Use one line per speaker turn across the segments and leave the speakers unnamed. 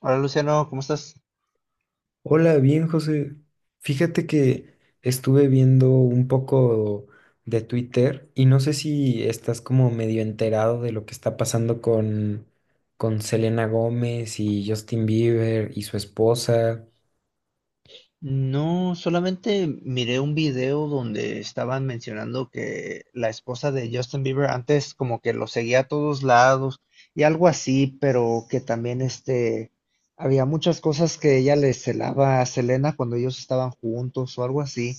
Hola Luciano, ¿cómo estás?
Hola, bien, José. Fíjate que estuve viendo un poco de Twitter y no sé si estás como medio enterado de lo que está pasando con Selena Gómez y Justin Bieber y su esposa.
No, solamente miré un video donde estaban mencionando que la esposa de Justin Bieber antes como que lo seguía a todos lados y algo así, pero que también había muchas cosas que ella le celaba a Selena cuando ellos estaban juntos o algo así,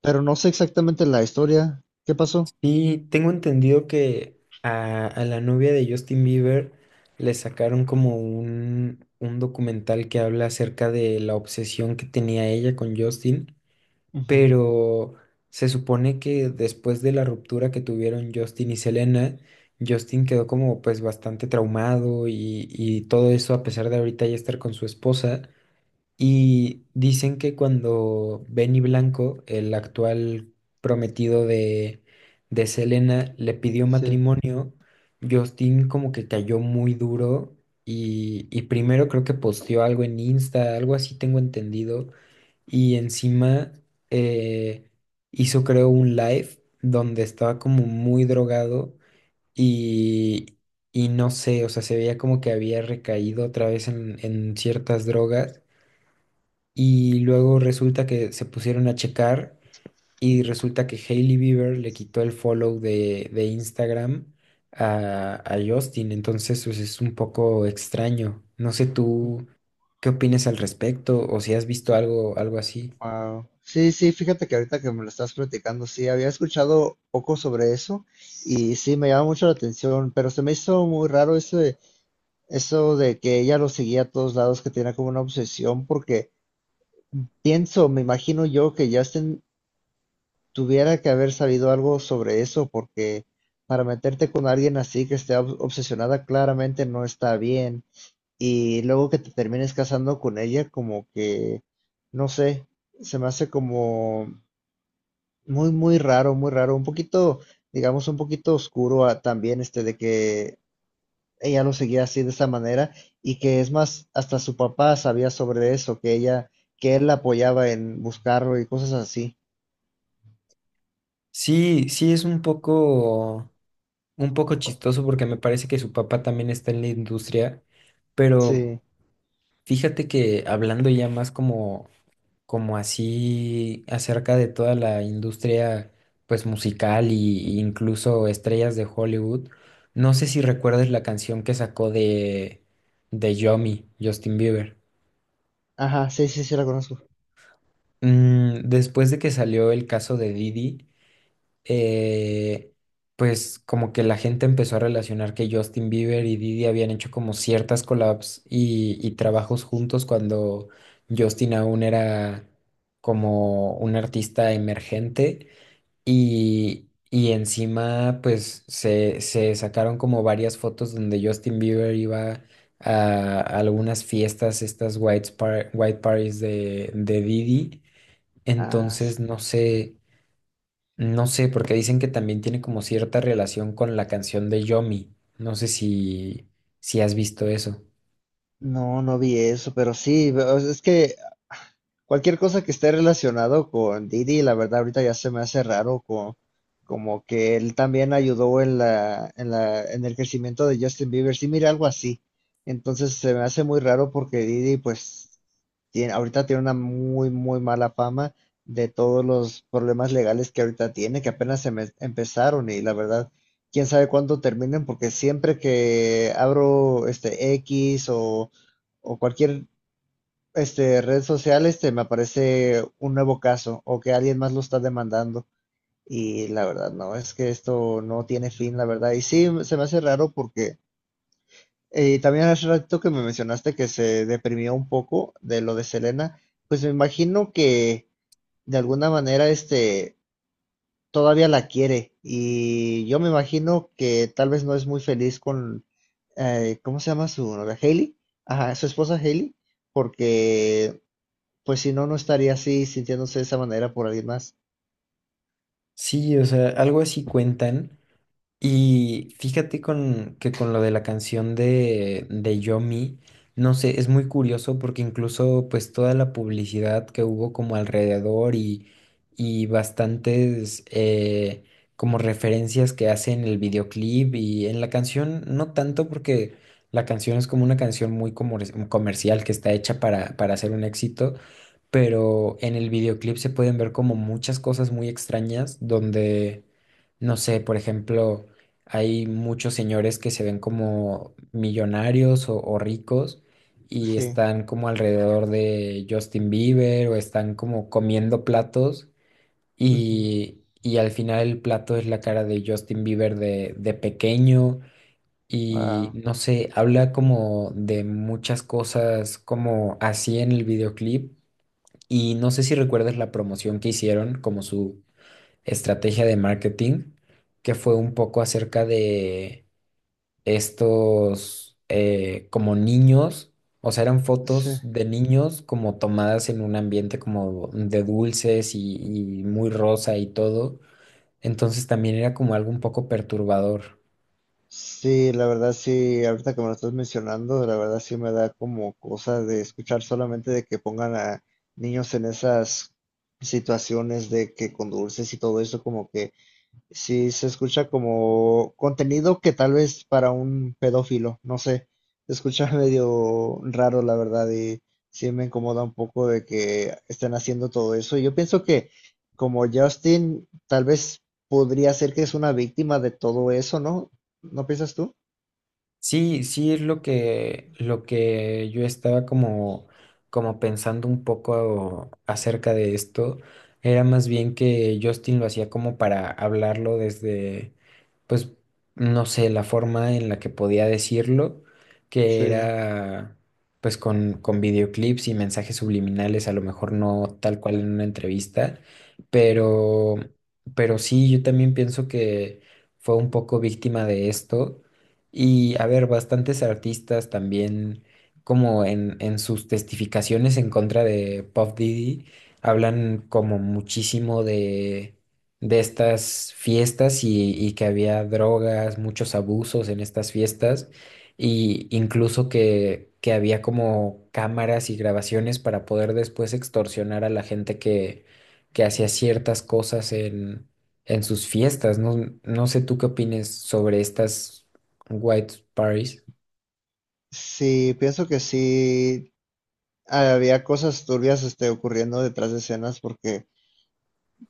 pero no sé exactamente la historia. ¿Qué pasó?
Y tengo entendido que a la novia de Justin Bieber le sacaron como un documental que habla acerca de la obsesión que tenía ella con Justin.
Ujú,
Pero se supone que después de la ruptura que tuvieron Justin y Selena, Justin quedó como pues bastante traumado y, todo eso a pesar de ahorita ya estar con su esposa. Y dicen que cuando Benny Blanco, el actual prometido de Selena, le pidió
sí.
matrimonio, Justin como que cayó muy duro y, primero creo que posteó algo en Insta, algo así tengo entendido y encima eh, hizo, creo, un live donde estaba como muy drogado y, y no sé, o sea, se veía como que había recaído otra vez en, ciertas drogas. Y luego resulta que se pusieron a checar y resulta que Hailey Bieber le quitó el follow de Instagram a Justin. Entonces, pues es un poco extraño. No sé tú qué opinas al respecto o si has visto algo, algo así.
Wow, sí, sí, fíjate que ahorita que me lo estás platicando, sí, había escuchado poco sobre eso y sí, me llama mucho la atención, pero se me hizo muy raro eso de que ella lo seguía a todos lados, que tenía como una obsesión, porque pienso, me imagino yo que Justin tuviera que haber sabido algo sobre eso, porque para meterte con alguien así que esté obsesionada claramente no está bien y luego que te termines casando con ella, como que, no sé, se me hace como muy, muy raro, muy raro. Un poquito, digamos, un poquito oscuro ah, también, de que ella lo seguía así de esa manera y que es más, hasta su papá sabía sobre eso, que él la apoyaba en buscarlo y cosas así.
Sí, sí es un poco chistoso porque me parece que su papá también está en la industria, pero
Sí.
fíjate que hablando ya más como, como así acerca de toda la industria pues musical y, incluso estrellas de Hollywood, no sé si recuerdas la canción que sacó de Yomi, Justin Bieber.
Ajá, sí, sí, sí, la conozco.
Mm, después de que salió el caso de Didi. eh, pues como que la gente empezó a relacionar que Justin Bieber y Diddy habían hecho como ciertas collabs y, trabajos juntos cuando Justin aún era como un artista emergente y, encima pues se sacaron como varias fotos donde Justin Bieber iba a algunas fiestas, estas white parties de Diddy.
Ah, sí.
Entonces, no sé, no sé, porque dicen que también tiene como cierta relación con la canción de Yomi. No sé si, si has visto eso.
No, no vi eso, pero sí, o sea, es que cualquier cosa que esté relacionado con Didi, la verdad ahorita ya se me hace raro, como que él también ayudó en el crecimiento de Justin Bieber. Sí, mira, algo así. Entonces se me hace muy raro porque Didi, pues, tiene, ahorita tiene una muy, muy mala fama de todos los problemas legales que ahorita tiene, que apenas empezaron y la verdad, quién sabe cuándo terminen, porque siempre que abro X o cualquier, redes sociales, me aparece un nuevo caso o que alguien más lo está demandando. Y la verdad, no, es que esto no tiene fin, la verdad. Y sí, se me hace raro porque también hace rato que me mencionaste que se deprimió un poco de lo de Selena, pues me imagino que de alguna manera, todavía la quiere. Y yo me imagino que tal vez no es muy feliz con, ¿cómo se llama su novia? Hailey. Ajá, su esposa Hailey, porque pues si no, no estaría así sintiéndose de esa manera por alguien más.
Sí, o sea, algo así cuentan. Y fíjate que con lo de la canción de Yo Mi, no sé, es muy curioso porque incluso pues toda la publicidad que hubo como alrededor y bastantes como referencias que hace en el videoclip y en la canción, no tanto porque la canción es como una canción muy comercial que está hecha para, hacer un éxito, pero en el videoclip se pueden ver como muchas cosas muy extrañas donde, no sé, por ejemplo, hay muchos señores que se ven como millonarios o ricos y
Sí.
están como alrededor de Justin Bieber o están como comiendo platos
Ujú.
y, al final el plato es la cara de Justin Bieber de pequeño. Y
Wow.
no sé, habla como de muchas cosas como así en el videoclip y no sé si recuerdas la promoción que hicieron como su estrategia de marketing, que fue un poco acerca de estos como niños, o sea, eran
Sí.
fotos de niños como tomadas en un ambiente como de dulces y, muy rosa y todo. Entonces también era como algo un poco perturbador.
Sí, la verdad sí, ahorita que me lo estás mencionando, la verdad sí me da como cosa de escuchar solamente de que pongan a niños en esas situaciones de que con dulces y todo eso, como que sí, se escucha como contenido que tal vez para un pedófilo, no sé, se escucha medio raro, la verdad, y sí me incomoda un poco de que estén haciendo todo eso. Yo pienso que como Justin, tal vez podría ser que es una víctima de todo eso, ¿no? ¿No piensas tú?
Sí, sí es lo que yo estaba como, como pensando un poco acerca de esto. Era más bien que Justin lo hacía como para hablarlo desde, pues, no sé, la forma en la que podía decirlo,
Sí,
que era pues con videoclips y mensajes subliminales, a lo mejor no tal cual en una entrevista, pero, sí, yo también pienso que fue un poco víctima de esto y a ver, bastantes artistas también, como en, sus testificaciones en contra de Puff Diddy, hablan como muchísimo de estas fiestas y, que había drogas, muchos abusos en estas fiestas, y incluso que había como cámaras y grabaciones para poder después extorsionar a la gente que, hacía ciertas cosas en, sus fiestas. No, no sé tú qué opines sobre estas. White Paris.
sí, pienso que sí había cosas turbias, ocurriendo detrás de escenas porque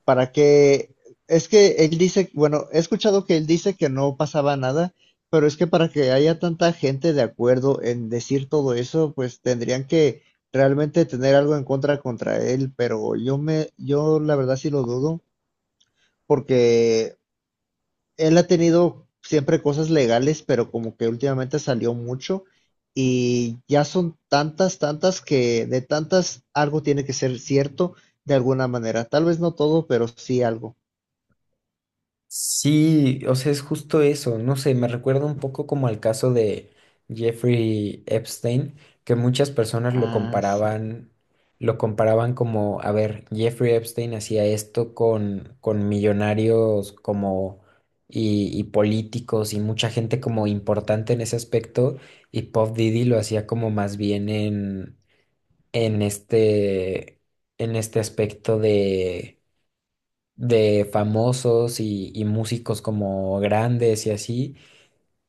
para que, es que él dice, bueno, he escuchado que él dice que no pasaba nada, pero es que para que haya tanta gente de acuerdo en decir todo eso, pues tendrían que realmente tener algo en contra contra él, pero yo la verdad sí lo dudo, porque él ha tenido siempre cosas legales, pero como que últimamente salió mucho y ya son tantas, tantas que de tantas algo tiene que ser cierto de alguna manera, tal vez no todo, pero sí algo.
Sí, o sea, es justo eso. No sé, me recuerda un poco como al caso de Jeffrey Epstein, que muchas personas
Ah, sí.
lo comparaban como, a ver, Jeffrey Epstein hacía esto con millonarios como y, políticos y mucha gente como importante en ese aspecto, y Puff Diddy lo hacía como más bien en, este, en este aspecto de famosos y, músicos como grandes y así.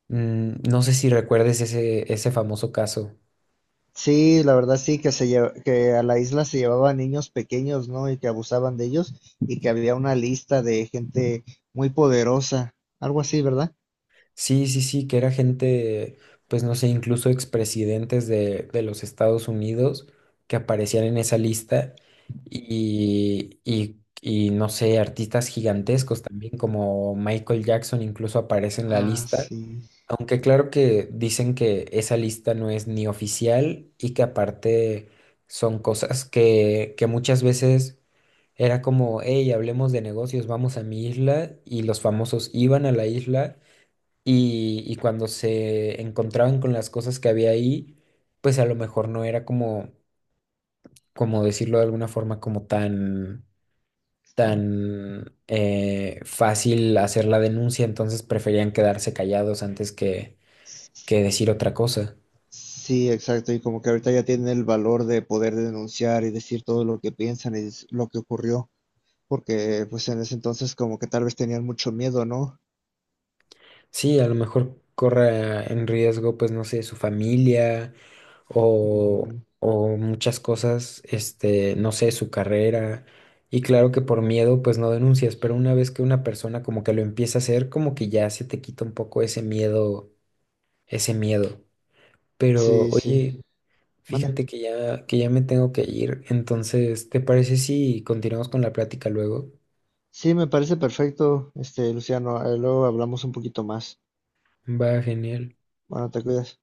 Mm, no sé si recuerdes ese, ese famoso caso.
Sí, la verdad sí, que a la isla se llevaban niños pequeños, ¿no? Y que abusaban de ellos y que había una lista de gente muy poderosa, algo así, ¿verdad?
Sí, sí, sí, que era gente, pues no sé, incluso expresidentes de los Estados Unidos que aparecían en esa lista y, no sé, artistas gigantescos también como Michael Jackson incluso aparece en la
Ah,
lista.
sí.
Aunque claro que dicen que esa lista no es ni oficial y que aparte son cosas que, muchas veces era como, hey, hablemos de negocios, vamos a mi isla y los famosos iban a la isla y, cuando se encontraban con las cosas que había ahí, pues a lo mejor no era como, como decirlo de alguna forma, como tan, tan fácil hacer la denuncia, entonces preferían quedarse callados antes que, decir otra cosa.
Sí, exacto. Y como que ahorita ya tienen el valor de poder denunciar y decir todo lo que piensan y es lo que ocurrió, porque pues en ese entonces como que tal vez tenían mucho miedo, ¿no?
Sí, a lo mejor corra en riesgo, pues no sé, su familia o,
Ujú.
muchas cosas, este, no sé, su carrera. Y claro que por miedo, pues no denuncias, pero una vez que una persona como que lo empieza a hacer, como que ya se te quita un poco ese miedo, ese miedo. Pero
Sí, sí.
oye,
Manda.
fíjate que ya me tengo que ir, entonces, ¿te parece si continuamos con la plática luego?
Sí, me parece perfecto, Luciano. Ahí luego hablamos un poquito más.
Va, genial.
Bueno, te cuidas.